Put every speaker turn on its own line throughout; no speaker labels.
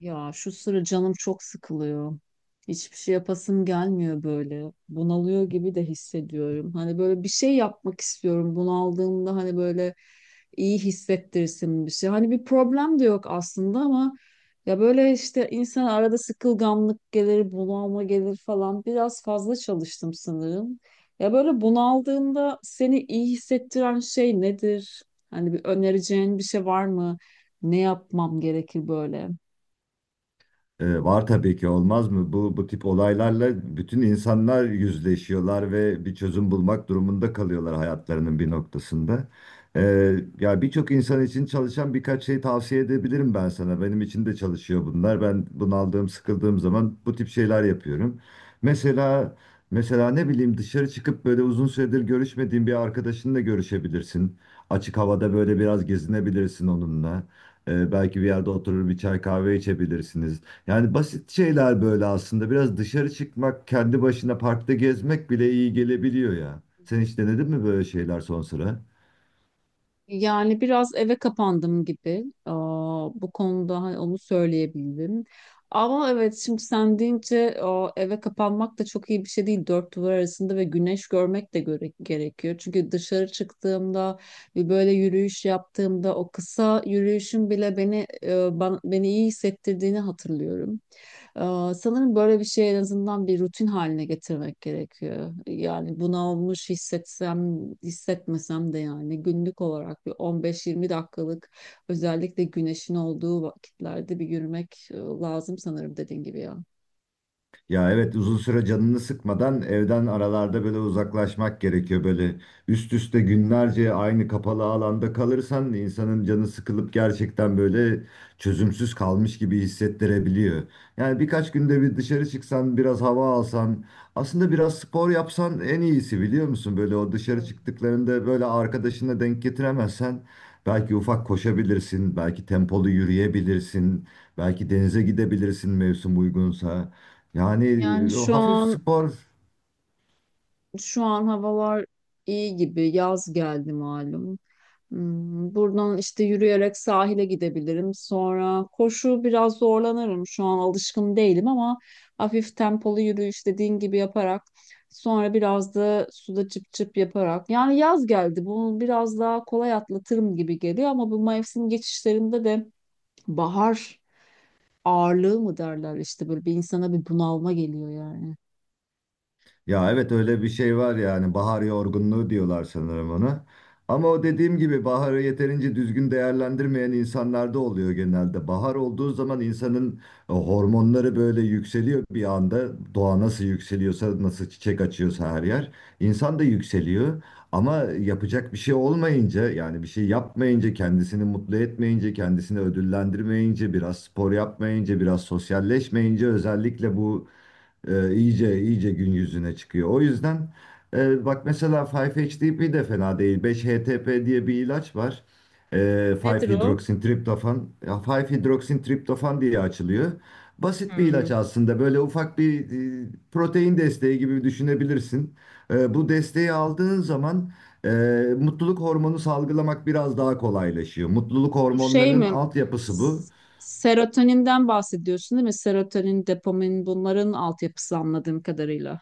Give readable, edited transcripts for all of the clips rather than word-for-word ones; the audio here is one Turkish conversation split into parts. Ya şu sıra canım çok sıkılıyor. Hiçbir şey yapasım gelmiyor böyle. Bunalıyor gibi de hissediyorum. Hani böyle bir şey yapmak istiyorum. Bunaldığımda hani böyle iyi hissettirsin bir şey. Hani bir problem de yok aslında ama ya böyle işte insan arada sıkılganlık gelir, bunalma gelir falan. Biraz fazla çalıştım sanırım. Ya böyle bunaldığında seni iyi hissettiren şey nedir? Hani bir önereceğin bir şey var mı? Ne yapmam gerekir böyle?
Var tabii ki olmaz mı? Bu tip olaylarla bütün insanlar yüzleşiyorlar ve bir çözüm bulmak durumunda kalıyorlar hayatlarının bir noktasında. Ya birçok insan için çalışan birkaç şey tavsiye edebilirim ben sana. Benim için de çalışıyor bunlar. Ben bunaldığım, sıkıldığım zaman bu tip şeyler yapıyorum. Mesela mesela ne bileyim dışarı çıkıp böyle uzun süredir görüşmediğin bir arkadaşınla görüşebilirsin. Açık havada böyle biraz gezinebilirsin onunla. Belki bir yerde oturur bir çay kahve içebilirsiniz. Yani basit şeyler böyle aslında. Biraz dışarı çıkmak, kendi başına parkta gezmek bile iyi gelebiliyor ya. Sen hiç denedin mi böyle şeyler son sıra?
Yani biraz eve kapandım gibi. Bu konuda hani onu söyleyebilirim. Ama evet şimdi sen deyince o, eve kapanmak da çok iyi bir şey değil. Dört duvar arasında ve güneş görmek de göre gerekiyor. Çünkü dışarı çıktığımda bir böyle yürüyüş yaptığımda o kısa yürüyüşün bile beni beni iyi hissettirdiğini hatırlıyorum. Sanırım böyle bir şey en azından bir rutin haline getirmek gerekiyor. Yani buna olmuş hissetsem, hissetmesem de yani günlük olarak bir 15-20 dakikalık özellikle güneşin olduğu vakitlerde bir yürümek lazım sanırım dediğin gibi ya.
Ya evet, uzun süre canını sıkmadan evden aralarda böyle uzaklaşmak gerekiyor. Böyle üst üste günlerce aynı kapalı alanda kalırsan insanın canı sıkılıp gerçekten böyle çözümsüz kalmış gibi hissettirebiliyor. Yani birkaç günde bir dışarı çıksan, biraz hava alsan, aslında biraz spor yapsan en iyisi biliyor musun? Böyle o dışarı çıktıklarında böyle arkadaşına denk getiremezsen belki ufak koşabilirsin, belki tempolu yürüyebilirsin, belki denize gidebilirsin mevsim uygunsa. Yani
Yani
o
şu
hafif
an
spor,
Şu an havalar iyi gibi. Yaz geldi malum. Hmm, buradan işte yürüyerek sahile gidebilirim. Sonra koşu biraz zorlanırım. Şu an alışkın değilim ama hafif tempolu yürüyüş dediğin gibi yaparak sonra biraz da suda çıp çıp yaparak. Yani yaz geldi. Bunu biraz daha kolay atlatırım gibi geliyor ama bu mevsim geçişlerinde de bahar ağırlığı mı derler işte böyle bir insana bir bunalma geliyor yani.
ya evet öyle bir şey var, yani bahar yorgunluğu diyorlar sanırım ona. Ama o dediğim gibi baharı yeterince düzgün değerlendirmeyen insanlarda oluyor genelde. Bahar olduğu zaman insanın hormonları böyle yükseliyor bir anda. Doğa nasıl yükseliyorsa, nasıl çiçek açıyorsa her yer. İnsan da yükseliyor. Ama yapacak bir şey olmayınca yani bir şey yapmayınca, kendisini mutlu etmeyince, kendisini ödüllendirmeyince, biraz spor yapmayınca, biraz sosyalleşmeyince özellikle bu iyice iyice gün yüzüne çıkıyor. O yüzden bak mesela 5-HTP de fena değil. 5-HTP diye bir ilaç var. E,
Nedir o?
5-hidroksintriptofan. Ya 5-hidroksintriptofan diye açılıyor. Basit bir
Hmm.
ilaç aslında. Böyle ufak bir protein desteği gibi düşünebilirsin. Bu desteği aldığın zaman e, mutluluk hormonu salgılamak biraz daha kolaylaşıyor. Mutluluk
Bu şey
hormonlarının
mi?
altyapısı bu.
S- Serotoninden bahsediyorsun değil mi? Serotonin, dopamin bunların altyapısı anladığım kadarıyla.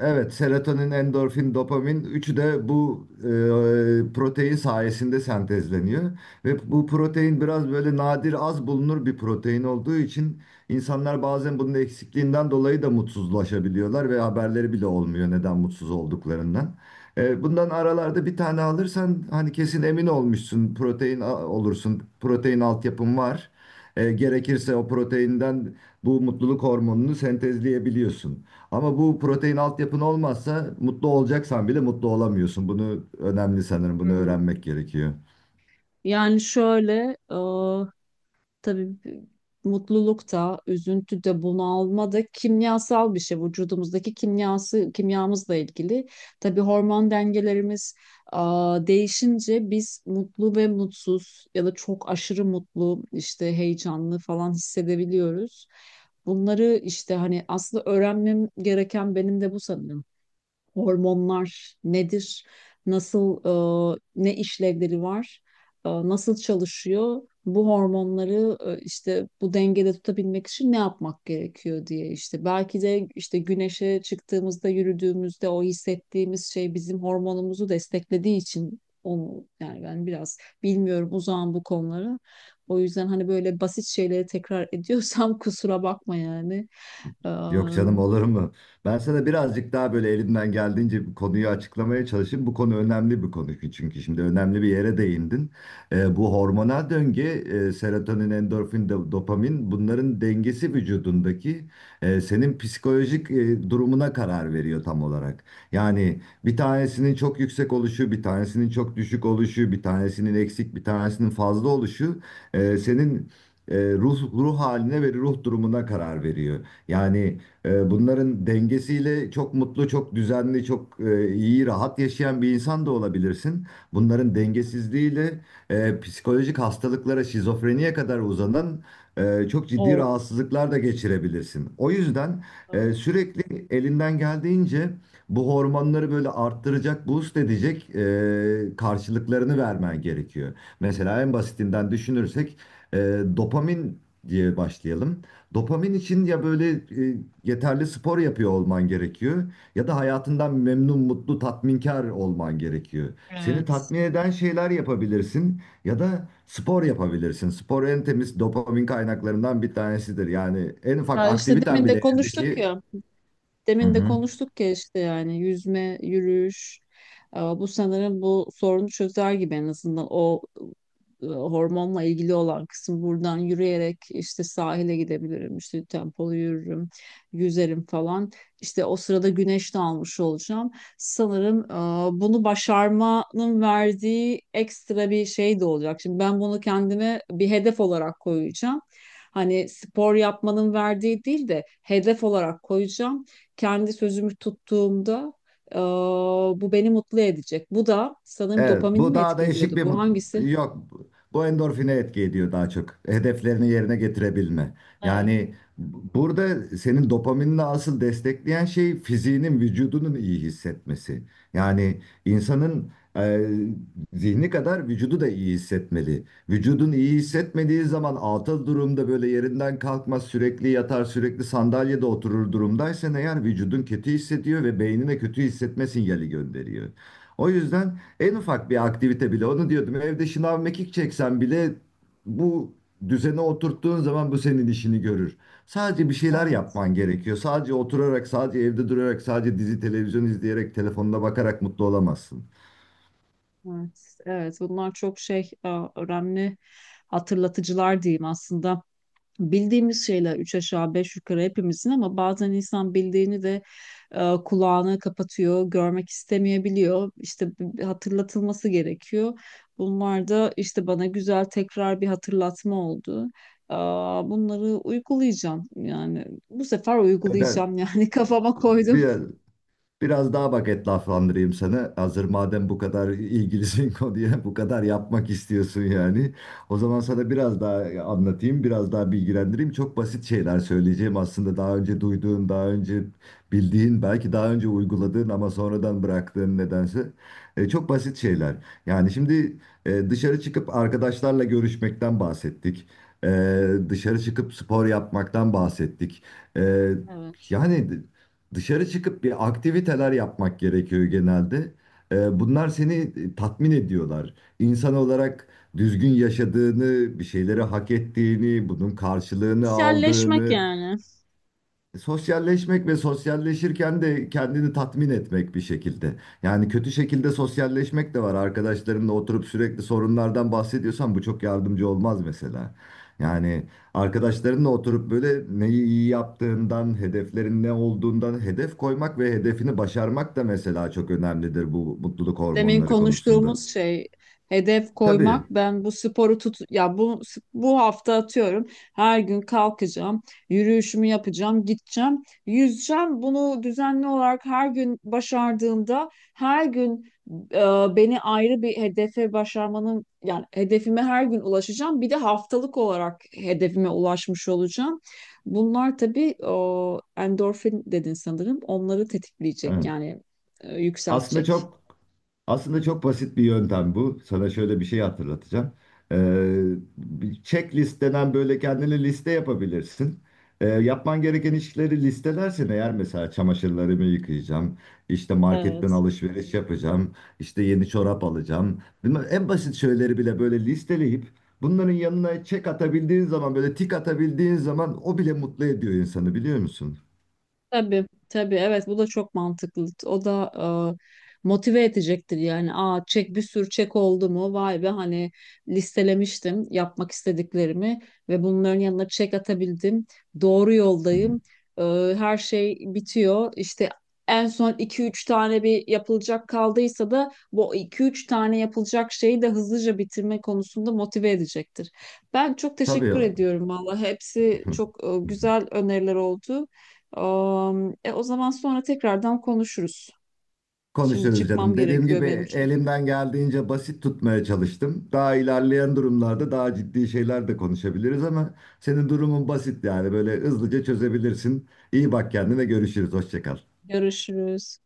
Evet, serotonin, endorfin, dopamin üçü de bu protein sayesinde sentezleniyor. Ve bu protein biraz böyle nadir az bulunur bir protein olduğu için insanlar bazen bunun eksikliğinden dolayı da mutsuzlaşabiliyorlar ve haberleri bile olmuyor neden mutsuz olduklarından. Bundan aralarda bir tane alırsan hani kesin emin olmuşsun olursun, protein altyapın var. Gerekirse o proteinden bu mutluluk hormonunu sentezleyebiliyorsun. Ama bu protein altyapın olmazsa mutlu olacaksan bile mutlu olamıyorsun. Bunu önemli sanırım. Bunu
Hmm.
öğrenmek gerekiyor.
Yani şöyle, tabii mutluluk da, üzüntü de, bunalma da kimyasal bir şey. Vücudumuzdaki kimyası, kimyamızla ilgili. Tabii hormon dengelerimiz değişince biz mutlu ve mutsuz ya da çok aşırı mutlu, işte heyecanlı falan hissedebiliyoruz. Bunları işte hani aslında öğrenmem gereken benim de bu sanırım hormonlar nedir, nasıl ne işlevleri var, nasıl çalışıyor, bu hormonları işte bu dengede tutabilmek için ne yapmak gerekiyor diye işte belki de işte güneşe çıktığımızda yürüdüğümüzde o hissettiğimiz şey bizim hormonumuzu desteklediği için onu yani ben biraz bilmiyorum uzağım bu konulara. O yüzden hani böyle basit şeyleri tekrar ediyorsam kusura bakma yani. Ee,
Yok canım, olur mu? Ben sana birazcık daha böyle elimden geldiğince bu konuyu açıklamaya çalışayım. Bu konu önemli bir konu ki, çünkü şimdi önemli bir yere değindin. Bu hormonal döngü, serotonin, endorfin, dopamin bunların dengesi vücudundaki senin psikolojik durumuna karar veriyor tam olarak. Yani bir tanesinin çok yüksek oluşu, bir tanesinin çok düşük oluşu, bir tanesinin eksik, bir tanesinin fazla oluşu senin ruh haline ve ruh durumuna karar veriyor. Yani bunların dengesiyle çok mutlu, çok düzenli, çok iyi, rahat yaşayan bir insan da olabilirsin. Bunların dengesizliğiyle psikolojik hastalıklara, şizofreniye kadar uzanan çok ciddi
o
rahatsızlıklar da geçirebilirsin. O yüzden sürekli elinden geldiğince bu hormonları böyle arttıracak, boost edecek karşılıklarını vermen gerekiyor. Mesela en basitinden düşünürsek e, dopamin diye başlayalım. Dopamin için ya böyle e, yeterli spor yapıyor olman gerekiyor ya da hayatından memnun, mutlu, tatminkar olman gerekiyor. Seni
evet.
tatmin eden şeyler yapabilirsin ya da spor yapabilirsin. Spor en temiz dopamin kaynaklarından bir tanesidir. Yani en ufak
Ya işte
aktiviten bile evdeki... Hı
demin de
hı.
konuştuk ya işte yani yüzme, yürüyüş. Bu sanırım bu sorunu çözer gibi en azından o hormonla ilgili olan kısım buradan yürüyerek işte sahile gidebilirim, işte tempolu yürürüm, yüzerim falan. İşte o sırada güneş de almış olacağım. Sanırım bunu başarmanın verdiği ekstra bir şey de olacak. Şimdi ben bunu kendime bir hedef olarak koyacağım. Hani spor yapmanın verdiği değil de hedef olarak koyacağım kendi sözümü tuttuğumda e, bu beni mutlu edecek. Bu da sanırım
Evet,
dopamini
bu
mi
daha
etki ediyordu?
değişik bir
Bu hangisi?
yok. Bu endorfine etki ediyor daha çok. Hedeflerini yerine getirebilme.
Evet.
Yani burada senin dopaminle asıl destekleyen şey fiziğinin, vücudunun iyi hissetmesi. Yani insanın zihni kadar vücudu da iyi hissetmeli. Vücudun iyi hissetmediği zaman atıl durumda böyle yerinden kalkmaz, sürekli yatar, sürekli sandalyede oturur durumdaysan eğer vücudun kötü hissediyor ve beynine kötü hissetme sinyali gönderiyor. O yüzden en ufak bir aktivite bile onu diyordum. Evde şınav mekik çeksen bile bu düzene oturttuğun zaman bu senin işini görür. Sadece bir şeyler
Evet,
yapman gerekiyor. Sadece oturarak, sadece evde durarak, sadece dizi televizyon izleyerek, telefonuna bakarak mutlu olamazsın.
evet, evet. Bunlar çok önemli hatırlatıcılar diyeyim aslında. Bildiğimiz şeyler üç aşağı beş yukarı hepimizin ama bazen insan bildiğini de kulağını kapatıyor, görmek istemeyebiliyor. İşte hatırlatılması gerekiyor. Bunlar da işte bana güzel tekrar bir hatırlatma oldu. Bunları uygulayacağım yani bu sefer
Ben
uygulayacağım yani
e,
kafama koydum.
biraz biraz daha bak etlaflandırayım sana. Hazır madem bu kadar ilgilisin konuya, bu kadar yapmak istiyorsun yani. O zaman sana biraz daha anlatayım, biraz daha bilgilendireyim. Çok basit şeyler söyleyeceğim aslında. Daha önce duyduğun, daha önce bildiğin, belki daha önce uyguladığın ama sonradan bıraktığın nedense. Çok basit şeyler. Yani şimdi dışarı çıkıp arkadaşlarla görüşmekten bahsettik. E, Dışarı çıkıp spor yapmaktan bahsettik. E,
Evet.
yani... Dışarı çıkıp bir aktiviteler yapmak gerekiyor genelde. Bunlar seni tatmin ediyorlar. İnsan olarak düzgün yaşadığını, bir şeyleri hak ettiğini, bunun karşılığını
Sosyalleşmek
aldığını,
yani.
sosyalleşmek ve sosyalleşirken de kendini tatmin etmek bir şekilde. Yani kötü şekilde sosyalleşmek de var. Arkadaşlarınla oturup sürekli sorunlardan bahsediyorsan bu çok yardımcı olmaz mesela. Yani arkadaşlarınla oturup böyle neyi iyi yaptığından, hedeflerin ne olduğundan hedef koymak ve hedefini başarmak da mesela çok önemlidir bu mutluluk
Demin
hormonları konusunda.
konuştuğumuz şey hedef koymak.
Tabii.
Ben bu sporu tut ya bu hafta atıyorum. Her gün kalkacağım, yürüyüşümü yapacağım, gideceğim, yüzeceğim. Bunu düzenli olarak her gün başardığımda her gün e, beni ayrı bir hedefe başarmanın yani hedefime her gün ulaşacağım. Bir de haftalık olarak hedefime ulaşmış olacağım. Bunlar tabii o endorfin dedin sanırım. Onları tetikleyecek
Evet.
yani
Aslında
yükseltecek.
çok Aslında çok basit bir yöntem bu. Sana şöyle bir şey hatırlatacağım. Ee, Bir checklist denen böyle kendine liste yapabilirsin. Yapman gereken işleri listelersin eğer, mesela çamaşırlarımı yıkayacağım, işte marketten
Evet.
alışveriş yapacağım, işte yeni çorap alacağım. Bunlar en basit şeyleri bile böyle listeleyip bunların yanına check atabildiğin zaman, böyle tik atabildiğin zaman o bile mutlu ediyor insanı biliyor musun?
Tabii, tabii, evet, bu da çok mantıklı. O da motive edecektir yani. Aa, çek, bir sürü çek oldu mu? Vay be, hani listelemiştim yapmak istediklerimi ve bunların yanına çek atabildim. Doğru
Hı hı.
yoldayım. E, her şey bitiyor. İşte en son iki üç tane bir yapılacak kaldıysa da bu iki üç tane yapılacak şeyi de hızlıca bitirme konusunda motive edecektir. Ben çok teşekkür
Tabii.
ediyorum valla. Hepsi çok e, güzel öneriler oldu. O zaman sonra tekrardan konuşuruz. Şimdi
Konuşuruz
çıkmam
canım. Dediğim
gerekiyor
gibi
benim çünkü.
elimden geldiğince basit tutmaya çalıştım. Daha ilerleyen durumlarda daha ciddi şeyler de konuşabiliriz ama senin durumun basit yani böyle hızlıca çözebilirsin. İyi bak kendine, görüşürüz. Hoşça kal.
Görüşürüz.